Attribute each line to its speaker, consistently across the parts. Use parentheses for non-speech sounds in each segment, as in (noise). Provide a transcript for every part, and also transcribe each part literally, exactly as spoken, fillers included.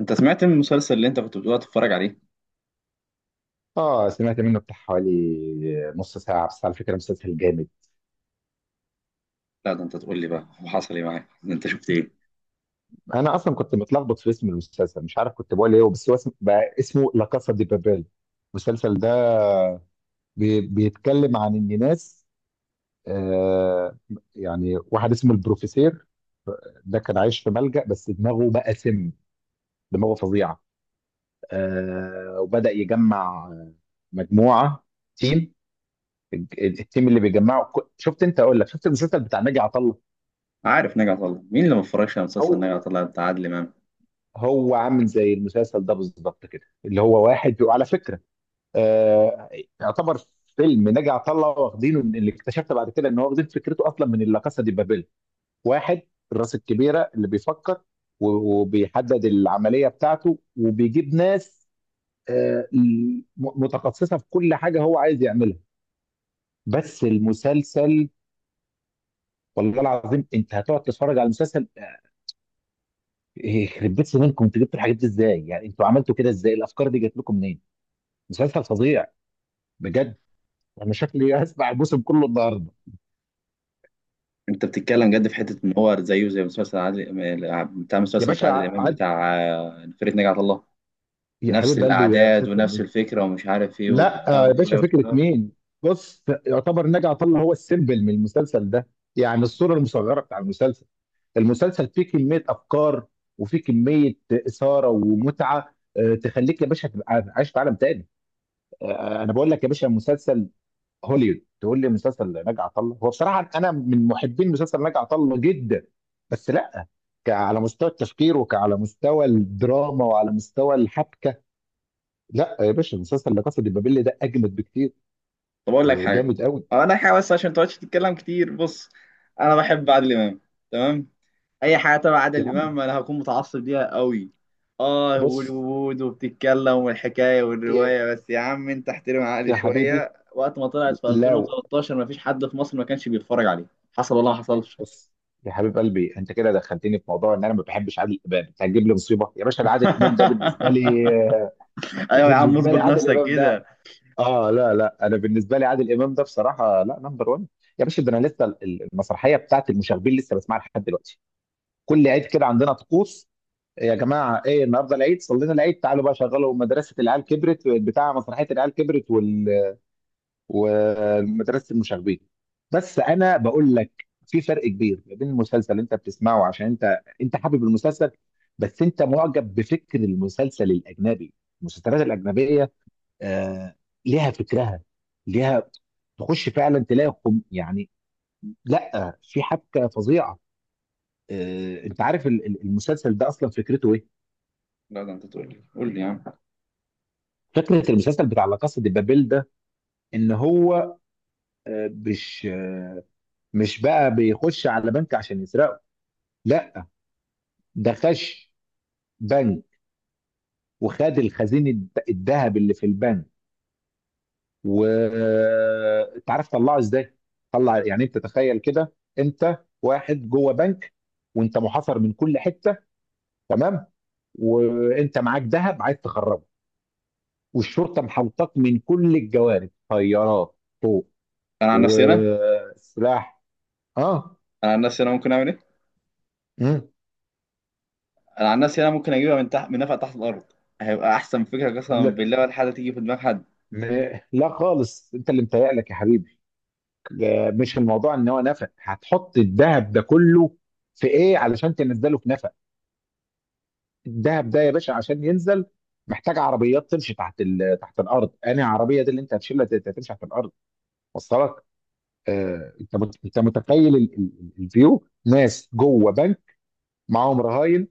Speaker 1: انت سمعت من المسلسل اللي انت كنت بتقول تتفرج عليه؟
Speaker 2: اه سمعت منه بتاع حوالي نص ساعة، بس على فكرة مسلسل جامد.
Speaker 1: لا، ده انت تقول لي بقى، هو حصل ايه معاك؟ ده انت شفت ايه؟
Speaker 2: أنا أصلا كنت متلخبط في اسم المسلسل، مش عارف كنت بقول إيه، بس هو اسم بقى اسمه لا كاسا دي بابيل. المسلسل ده بي... بيتكلم عن إن ناس، آه، يعني واحد اسمه البروفيسير، ده كان عايش في ملجأ بس دماغه بقى سم. دماغه فظيعة. آه، وبدأ يجمع مجموعة، تيم، التيم اللي بيجمعه. شفت أنت؟ أقول لك شفت المسلسل بتاع ناجي عطا
Speaker 1: عارف نجع طلع؟ مين اللي ما اتفرجش على مسلسل
Speaker 2: الله؟
Speaker 1: نجع طلع بتاع عادل امام؟
Speaker 2: هو عامل زي المسلسل ده بالظبط كده، اللي هو واحد بيبقى على فكره، آه، يعتبر فيلم نجا عطله واخدينه من، اللي اكتشفت بعد كده ان هو واخدين فكرته اصلا من لا كاسا دي بابيل. واحد، الراس الكبيره اللي بيفكر و- وبيحدد العمليه بتاعته وبيجيب ناس، آه م- متخصصه في كل حاجه هو عايز يعملها. بس المسلسل، والله العظيم انت هتقعد تتفرج على المسلسل، آه، يخرب بيت سنينكم، انتوا جبتوا الحاجات دي ازاي؟ يعني انتوا عملتوا كده ازاي؟ الافكار دي جات لكم منين؟ مسلسل فظيع بجد. انا شكلي هسمع الموسم كله النهارده.
Speaker 1: انت بتتكلم جد في حته ان هو زيه زي مسلسل عادل، بتاع
Speaker 2: يا
Speaker 1: مسلسل بتاع
Speaker 2: باشا
Speaker 1: عادل امام
Speaker 2: عاد،
Speaker 1: بتاع آه، فرقه نجع طلع.
Speaker 2: يا
Speaker 1: نفس
Speaker 2: حبيب قلبي يا
Speaker 1: الاعداد
Speaker 2: مسلسل
Speaker 1: ونفس
Speaker 2: مين؟
Speaker 1: الفكره، ومش عارف ايه
Speaker 2: لا
Speaker 1: والبتاع
Speaker 2: آه، يا
Speaker 1: والروايه
Speaker 2: باشا فكره
Speaker 1: والكلام.
Speaker 2: مين! بص، يعتبر نجع طلع هو السيمبل من المسلسل ده، يعني الصوره المصغره بتاع المسلسل. المسلسل فيه كميه افكار وفيه كميه اثاره ومتعه، آه، تخليك يا باشا تبقى عايش في عالم تاني. آه، انا بقول لك يا باشا، مسلسل هوليوود. تقول لي مسلسل ناجي عطا الله؟ هو بصراحه انا من محبين مسلسل ناجي عطا الله جدا، بس لا، ك- على مستوى التفكير وعلى مستوى الدراما وعلى مستوى الحبكه، لا يا باشا، مسلسل لا كاسا دي بابيل ده اجمد بكتير.
Speaker 1: طب اقول لك
Speaker 2: آه،
Speaker 1: حاجه،
Speaker 2: جامد قوي.
Speaker 1: اقول لك حاجه بس عشان ما تقعدش تتكلم كتير. بص، انا بحب عادل امام، تمام. اي حاجه تبع عادل
Speaker 2: يا عم
Speaker 1: امام انا هكون متعصب ليها قوي. اه،
Speaker 2: بص،
Speaker 1: هوليوود وبتتكلم والحكايه
Speaker 2: إيه،
Speaker 1: والروايه، بس يا عم انت احترم
Speaker 2: بص
Speaker 1: عقلي
Speaker 2: يا حبيبي،
Speaker 1: شويه. وقت ما طلعت في
Speaker 2: لو،
Speaker 1: ألفين وتلتاشر ما فيش حد في مصر ما كانش بيتفرج عليه، حصل ولا ما حصلش؟
Speaker 2: بص يا حبيب قلبي، انت كده دخلتني في موضوع ان انا ما بحبش عادل امام. انت هتجيب لي مصيبه يا باشا، ده عادل امام ده بالنسبه
Speaker 1: (laughs)
Speaker 2: لي. (laughs)
Speaker 1: ايوه يا عم،
Speaker 2: بالنسبه لي
Speaker 1: اظبط
Speaker 2: عادل
Speaker 1: نفسك
Speaker 2: امام ده،
Speaker 1: كده.
Speaker 2: اه لا لا، انا بالنسبه لي عادل امام ده بصراحه لا نمبر واحد. يا باشا ده انا لسه ال- المسرحيه بتاعت المشاغبين لسه بسمعها لحد دلوقتي. كل عيد كده عندنا طقوس، يا جماعه ايه النهارده العيد، صلينا العيد، تعالوا بقى شغلوا مدرسه العيال كبرت، بتاع مسرحيه العيال كبرت وال... ومدرسه المشاغبين. بس انا بقول لك، في فرق كبير ما بين المسلسل اللي انت بتسمعه، عشان انت، انت حابب المسلسل، بس انت معجب بفكر المسلسل الاجنبي. المسلسلات الاجنبيه، آه، ليها فكرها، ليها، تخش فعلا تلاقي خم يعني. لا، في حبكه فظيعه. آه، انت عارف ال- ال- المسلسل ده اصلا فكرته ايه؟
Speaker 1: لا ده انت تقول لي قول لي يا عم.
Speaker 2: فكره المسلسل بتاع لا كاسا دي بابيل ده، ان هو، آه مش، آه، مش بقى بيخش على بنك عشان يسرقه، لا، ده خش بنك وخد الخزين الذهب اللي في البنك. وانت عارف طلعه ازاي؟ طلع، يعني انت تخيل كده، انت واحد جوه بنك، وانت محاصر من كل حته، تمام، وانت معاك ذهب عايز تخرجه، والشرطه محوطاك من كل الجوانب، طيارات، طوق،
Speaker 1: انا عن نفسي انا
Speaker 2: وسلاح. اه.
Speaker 1: انا عن نفسي انا ممكن اعمل ايه؟
Speaker 2: مم.
Speaker 1: انا عن نفسي انا ممكن اجيبها من تحت، من نفق تحت الارض. هيبقى احسن فكره، قسما
Speaker 2: لا،
Speaker 1: بالله، ولا حاجه تيجي في دماغ حد.
Speaker 2: م- لا خالص، انت اللي متهيألك يا حبيبي. ده مش الموضوع ان هو نفق هتحط الذهب ده كله في ايه علشان تنزله في نفق. الدهب ده يا باشا عشان ينزل محتاج عربيات تمشي تحت ال... تحت الارض. انا عربيه دي اللي انت هتشيلها ت- تمشي تحت الارض؟ وصلك؟ آه... انت مت... انت متخيل ال... ال- الفيو ناس جوه بنك، معاهم رهاين،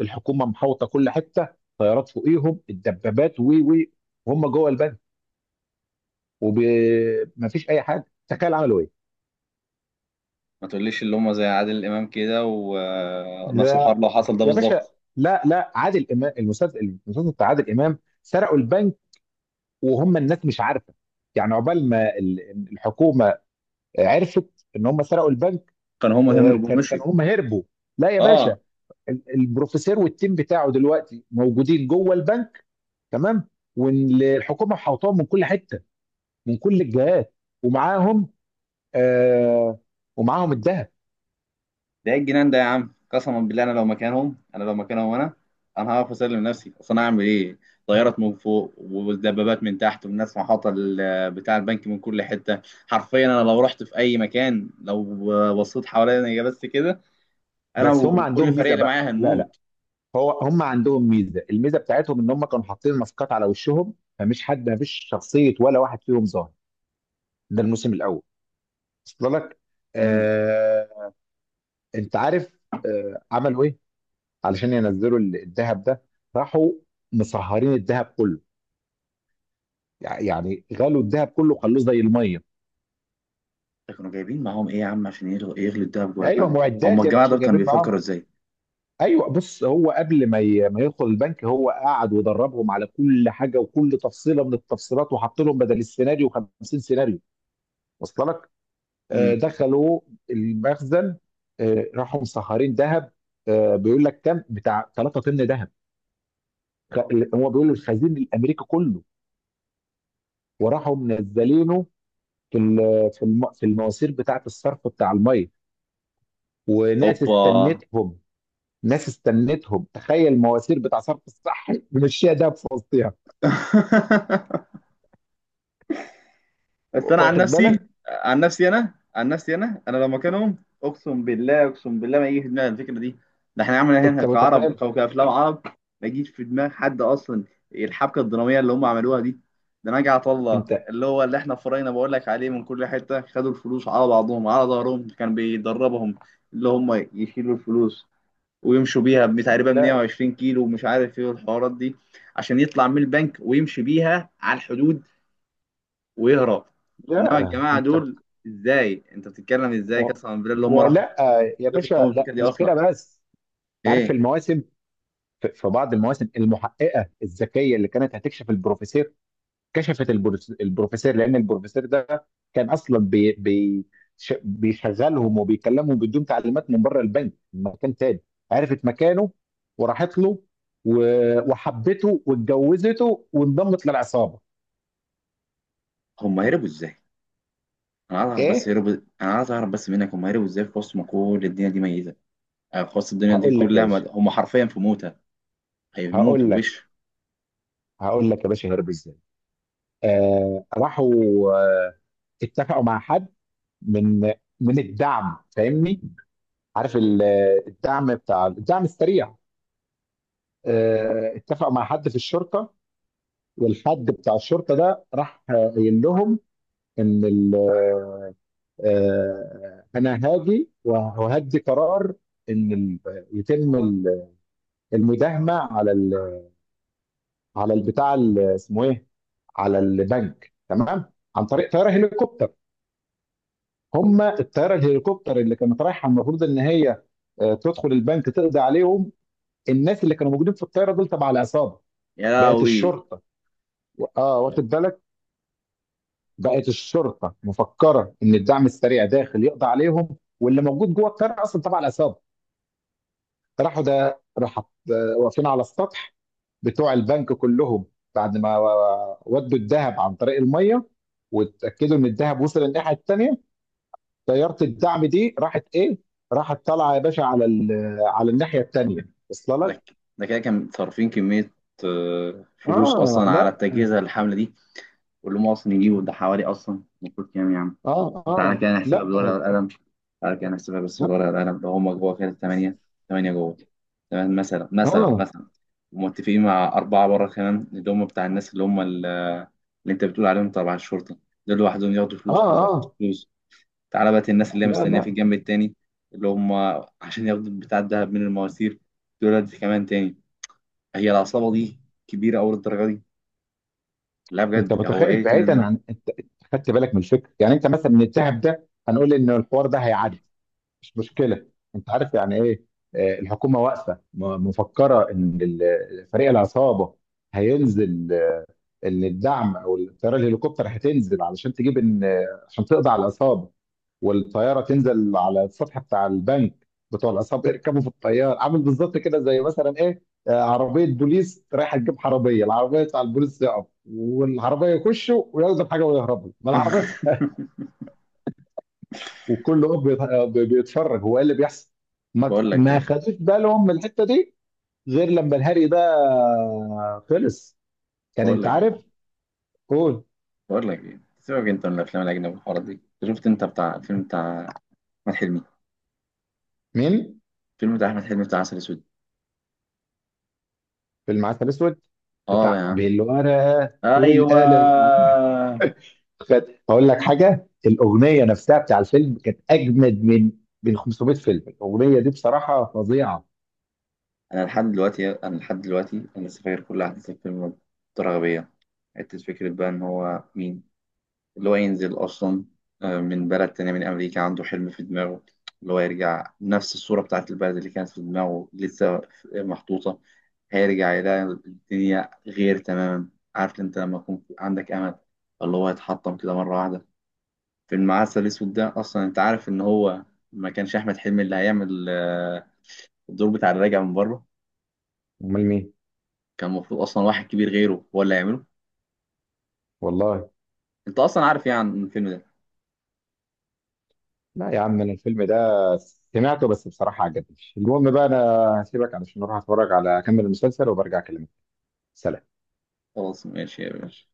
Speaker 2: الحكومه محوطه كل حته، طيارات فوقيهم الدبابات، و و وهم جوه البنك، ومفيش اي حاجه. تخيل عملوا ايه!
Speaker 1: ما تقوليش اللي هم زي عادل امام كده، ونفس الحوار
Speaker 2: لا
Speaker 1: لو حصل ده
Speaker 2: يا باشا،
Speaker 1: بالظبط.
Speaker 2: لا لا، عادل امام المسلسل، المسلسل بتاع عادل امام سرقوا البنك وهم الناس مش عارفه، يعني عقبال ما ال- الحكومه عرفت ان هم سرقوا البنك.
Speaker 1: كان هم
Speaker 2: آه،
Speaker 1: هربوا
Speaker 2: كان كان
Speaker 1: ومشيوا.
Speaker 2: هم هربوا. لا يا
Speaker 1: اه.
Speaker 2: باشا، ال- البروفيسور والتيم بتاعه دلوقتي موجودين جوه البنك، تمام، والحكومه حوطاهم من كل حته، من كل الجهات، ومعاهم، آه، ومعاهم الذهب.
Speaker 1: ده ايه الجنان ده يا عم؟ قسما بالله، انا لو مكانهم، انا لو مكانهم، انا انا هقف اسلم نفسي، اصل انا اعمل ايه؟ طيارات من فوق ودبابات من تحت، والناس محاطه، ال- بتاع البنك من كل حته. حرفيا، انا لو رحت في اي مكان، لو بصيت حواليا بس كده، انا
Speaker 2: بس هم
Speaker 1: وكل
Speaker 2: عندهم
Speaker 1: الفريق
Speaker 2: ميزه
Speaker 1: اللي
Speaker 2: بقى.
Speaker 1: معايا
Speaker 2: لا لا،
Speaker 1: هنموت.
Speaker 2: هو هم عندهم ميزه، الميزه بتاعتهم ان هم كانوا حاطين ماسكات على وشهم، فمش حد، مفيش شخصيه ولا واحد فيهم ظاهر. ده الموسم الاول. وصل لك؟
Speaker 1: امم.
Speaker 2: آه. انت عارف آه عملوا ايه علشان ينزلوا ال- الذهب ده؟ راحوا مصهرين الذهب كله، يع- يعني غلوا الذهب كله خلوه زي الميه.
Speaker 1: ده كانوا جايبين معاهم ايه يا عم، عشان يغلوا يغلوا الدهب جوه
Speaker 2: ايوه،
Speaker 1: البنك؟ هم
Speaker 2: معدات يا
Speaker 1: الجماعه
Speaker 2: باشا
Speaker 1: دول كانوا
Speaker 2: جايبين معاهم.
Speaker 1: بيفكروا ازاي؟
Speaker 2: ايوه بص، هو قبل ما ي- ما يدخل البنك هو قعد ودربهم على كل حاجه وكل تفصيله من التفصيلات، وحط لهم بدل السيناريو خمسين سيناريو. وصل لك؟ آه، دخلوا المخزن، آه، راحوا مسهرين ذهب، آه، بيقول لك كام بتاع ثلاثة طن ذهب. خ- هو بيقول الخزين الامريكي كله. وراحوا منزلينه في ال- في الم- في المواسير بتاعه الصرف بتاع الميه، وناس
Speaker 1: اوبا.
Speaker 2: استنتهم. ناس استنتهم. تخيل مواسير بتاع صرف الصح مشيها ده في وسطها.
Speaker 1: (laughs) بس انا عن
Speaker 2: واخد
Speaker 1: نفسي
Speaker 2: بالك؟
Speaker 1: عن نفسي انا عن نفسي انا انا لو مكانهم، اقسم بالله، اقسم بالله ما يجي في دماغي الفكره دي. ده احنا عملنا هنا
Speaker 2: انت
Speaker 1: كعرب،
Speaker 2: متخيل؟
Speaker 1: او كافلام عرب، ما يجيش في دماغ حد اصلا. الحبكه الدراميه اللي هم عملوها دي، ده نجعت الله
Speaker 2: انت
Speaker 1: اللي هو اللي احنا فرينا بقول لك عليه، من كل حته خدوا الفلوس على بعضهم على ظهرهم، كان بيدربهم اللي هم يشيلوا الفلوس ويمشوا بيها تقريبا
Speaker 2: لا
Speaker 1: ميه وعشرين كيلو، ومش عارف ايه والحوارات دي، عشان يطلع من البنك ويمشي بيها على الحدود، ويهرب. انما
Speaker 2: لا،
Speaker 1: الجماعه
Speaker 2: انت مت...
Speaker 1: دول، ازاي انت بتتكلم ازاي؟
Speaker 2: و...
Speaker 1: قسما بالله، اللي هم راحوا في
Speaker 2: ولا،
Speaker 1: الحتة دي،
Speaker 2: يا
Speaker 1: هم جابوا في
Speaker 2: باشا،
Speaker 1: الاول الفكره
Speaker 2: لا
Speaker 1: دي
Speaker 2: مش
Speaker 1: اصلا؟
Speaker 2: كده بس. عارف
Speaker 1: ايه؟
Speaker 2: المواسم، في في بعض المواسم المحققه الذكيه اللي كانت هتكشف البروفيسور، كشفت البروس- البروفيسور، لان البروفيسور ده كان اصلا بي بي ش- بيشغلهم وبيكلمهم بدون تعليمات، من بره البنك، من مكان تاني. عرفت مكانه وراحت له، و- وحبته واتجوزته وانضمت للعصابه.
Speaker 1: هم هربوا ازاي؟ انا عايز اعرف بس،
Speaker 2: ايه!
Speaker 1: هربوا. انا عايز اعرف بس منك، هم هربوا ازاي في وسط ما كل الدنيا دي ميته؟ آه، في وسط الدنيا دي
Speaker 2: هقول لك يا
Speaker 1: كلها
Speaker 2: باشا،
Speaker 1: مد... هم حرفيا في موتة،
Speaker 2: هقول
Speaker 1: هيموتوا
Speaker 2: لك،
Speaker 1: وش.
Speaker 2: هقول لك يا باشا هرب ازاي. آه راحوا، آه، اتفقوا مع حد، من من الدعم، فاهمني، عارف ال- الدعم بتاع الدعم السريع. آه، اتفقوا مع حد في الشرطه، والحد بتاع الشرطه ده راح قايل لهم ان ال-، آه، انا هاجي وهدي قرار ان ال- يتم ال- المداهمه على ال- على البتاع ال- اسمه ايه، على البنك، تمام، عن طريق طياره هليكوبتر. هم الطياره الهليكوبتر اللي كانت رايحه المفروض ان هي، آه، تدخل البنك تقضي عليهم، الناس اللي كانوا موجودين في الطياره دول تبع العصابه.
Speaker 1: يا
Speaker 2: بقت
Speaker 1: لهوي.
Speaker 2: الشرطه، اه واخد بالك، بقت الشرطه مفكره ان الدعم السريع داخل يقضي عليهم، واللي موجود جوه القريه اصلا تبع العصابه. راحوا، ده راح واقفين على السطح بتوع البنك كلهم، بعد ما ودوا الذهب عن طريق الميه، واتاكدوا ان الذهب وصل الناحيه الثانيه، طياره الدعم دي راحت ايه؟ راحت طالعه يا باشا على ال- على الناحيه الثانيه. وصل
Speaker 1: ده
Speaker 2: لك؟
Speaker 1: ك- ده كده كان صارفين كميه، آه، فلوس
Speaker 2: اه
Speaker 1: اصلا على
Speaker 2: لا،
Speaker 1: التجهيز الحمله دي. قول له اصلا يجيبه، ده حوالي اصلا المفروض كام يا عم؟
Speaker 2: اه
Speaker 1: تعالى
Speaker 2: اه
Speaker 1: كده نحسبها
Speaker 2: لا
Speaker 1: بالورقه والقلم، تعالى كده نحسبها بس
Speaker 2: لا،
Speaker 1: بالورقه والقلم. ده هما جوه كده تمانية، تمانية جوه، تمام. مثلا
Speaker 2: اه
Speaker 1: مثلا
Speaker 2: اه
Speaker 1: مثلا، ومتفقين مع أربعة بره كمان، اللي هم بتاع الناس اللي هم ال- اللي أنت بتقول عليهم تبع الشرطة. دول لوحدهم ياخدوا
Speaker 2: اه
Speaker 1: فلوس، على بعض
Speaker 2: آه،
Speaker 1: فلوس. تعالى بقى الناس اللي هي
Speaker 2: لا
Speaker 1: مستنية في
Speaker 2: لا،
Speaker 1: الجنب التاني، اللي هم عشان ياخدوا بتاع الدهب من المواسير، دول دي كمان تاني. هي العصابة دي كبيرة أوي للدرجة دي؟ لا
Speaker 2: انت
Speaker 1: بجد، هو
Speaker 2: متخيل
Speaker 1: إيه كان
Speaker 2: بعيدا
Speaker 1: ده؟
Speaker 2: عن انت أنت خدت بالك من الفكره؟ يعني انت مثلا من الذهب ده هنقول ان الحوار ده هيعدي، مش مشكله، انت عارف يعني ايه، آه، الحكومه واقفه م- مفكره ان ال- فريق العصابه هينزل، آه، ان الدعم او الطياره الهليكوبتر هتنزل علشان تجيب ان، آه، عشان تقضي على العصابه. والطياره تنزل على السطح بتاع البنك، بتوع العصابه يركبوا في الطياره. عامل بالظبط كده زي مثلا ايه، آه، عربيه بوليس رايحه تجيب حراميه، العربيه بتاع البوليس تقف والعربيه يخشوا وياخدوا الحاجه ويهربوا، ما العربيه
Speaker 1: (laughs)
Speaker 2: وكل واقف بيت- بيتفرج هو ايه اللي بيحصل. ما
Speaker 1: بقول لك
Speaker 2: ما
Speaker 1: ايه
Speaker 2: خدوش بالهم من الحته دي غير لما الهري ده خلص. كان
Speaker 1: بقول
Speaker 2: انت
Speaker 1: لك ايه
Speaker 2: عارف، قول.
Speaker 1: بقول لك ايه، سيبك انت من الافلام الاجنبي والحوارات دي. أنت شفت، انت بتاع الفيلم بتاع احمد حلمي،
Speaker 2: مين؟
Speaker 1: الفيلم بتاع احمد حلمي بتاع عسل اسود؟
Speaker 2: في المعسل الاسود،
Speaker 1: اه يا
Speaker 2: بتاع
Speaker 1: عم.
Speaker 2: بالورقه
Speaker 1: ايوه.
Speaker 2: والقلم. (laughs) خد، هقول لك حاجه، الاغنيه نفسها بتاع الفيلم كانت اجمد من من خمسمئة فيلم. الاغنيه دي بصراحه فظيعه.
Speaker 1: انا لحد دلوقتي انا لحد دلوقتي انا لسه فاكر كل احداث الفيلم، بطريقه غبيه. حته فكره بقى، ان هو مين اللي هو ينزل أصلا، آه، من بلد تانية، من أمريكا، عنده حلم في دماغه، اللي هو يرجع نفس الصورة بتاعت البلد اللي كانت في دماغه لسه محطوطة. هيرجع يلاقي الدنيا غير تماما. عارف أنت لما يكون في- عندك أمل، اللي هو يتحطم كده مرة واحدة؟ في المعسل الأسود ده، أصلا أنت عارف إن هو ما كانش أحمد حلمي اللي هيعمل آه، الدور بتاع الراجع من بره؟
Speaker 2: امال مين؟
Speaker 1: كان المفروض أصلا واحد كبير غيره هو اللي هيعمله.
Speaker 2: والله.
Speaker 1: أنت أصلا عارف يعني الفيلم ده.
Speaker 2: لا يا عم، انا الفيلم ده سمعته بس بصراحه عجبني. المهم بقى، انا هسيبك علشان اروح اتفرج على اكمل المسلسل وبرجع اكلمك. سلام.
Speaker 1: خلاص، ماشي يا باشا.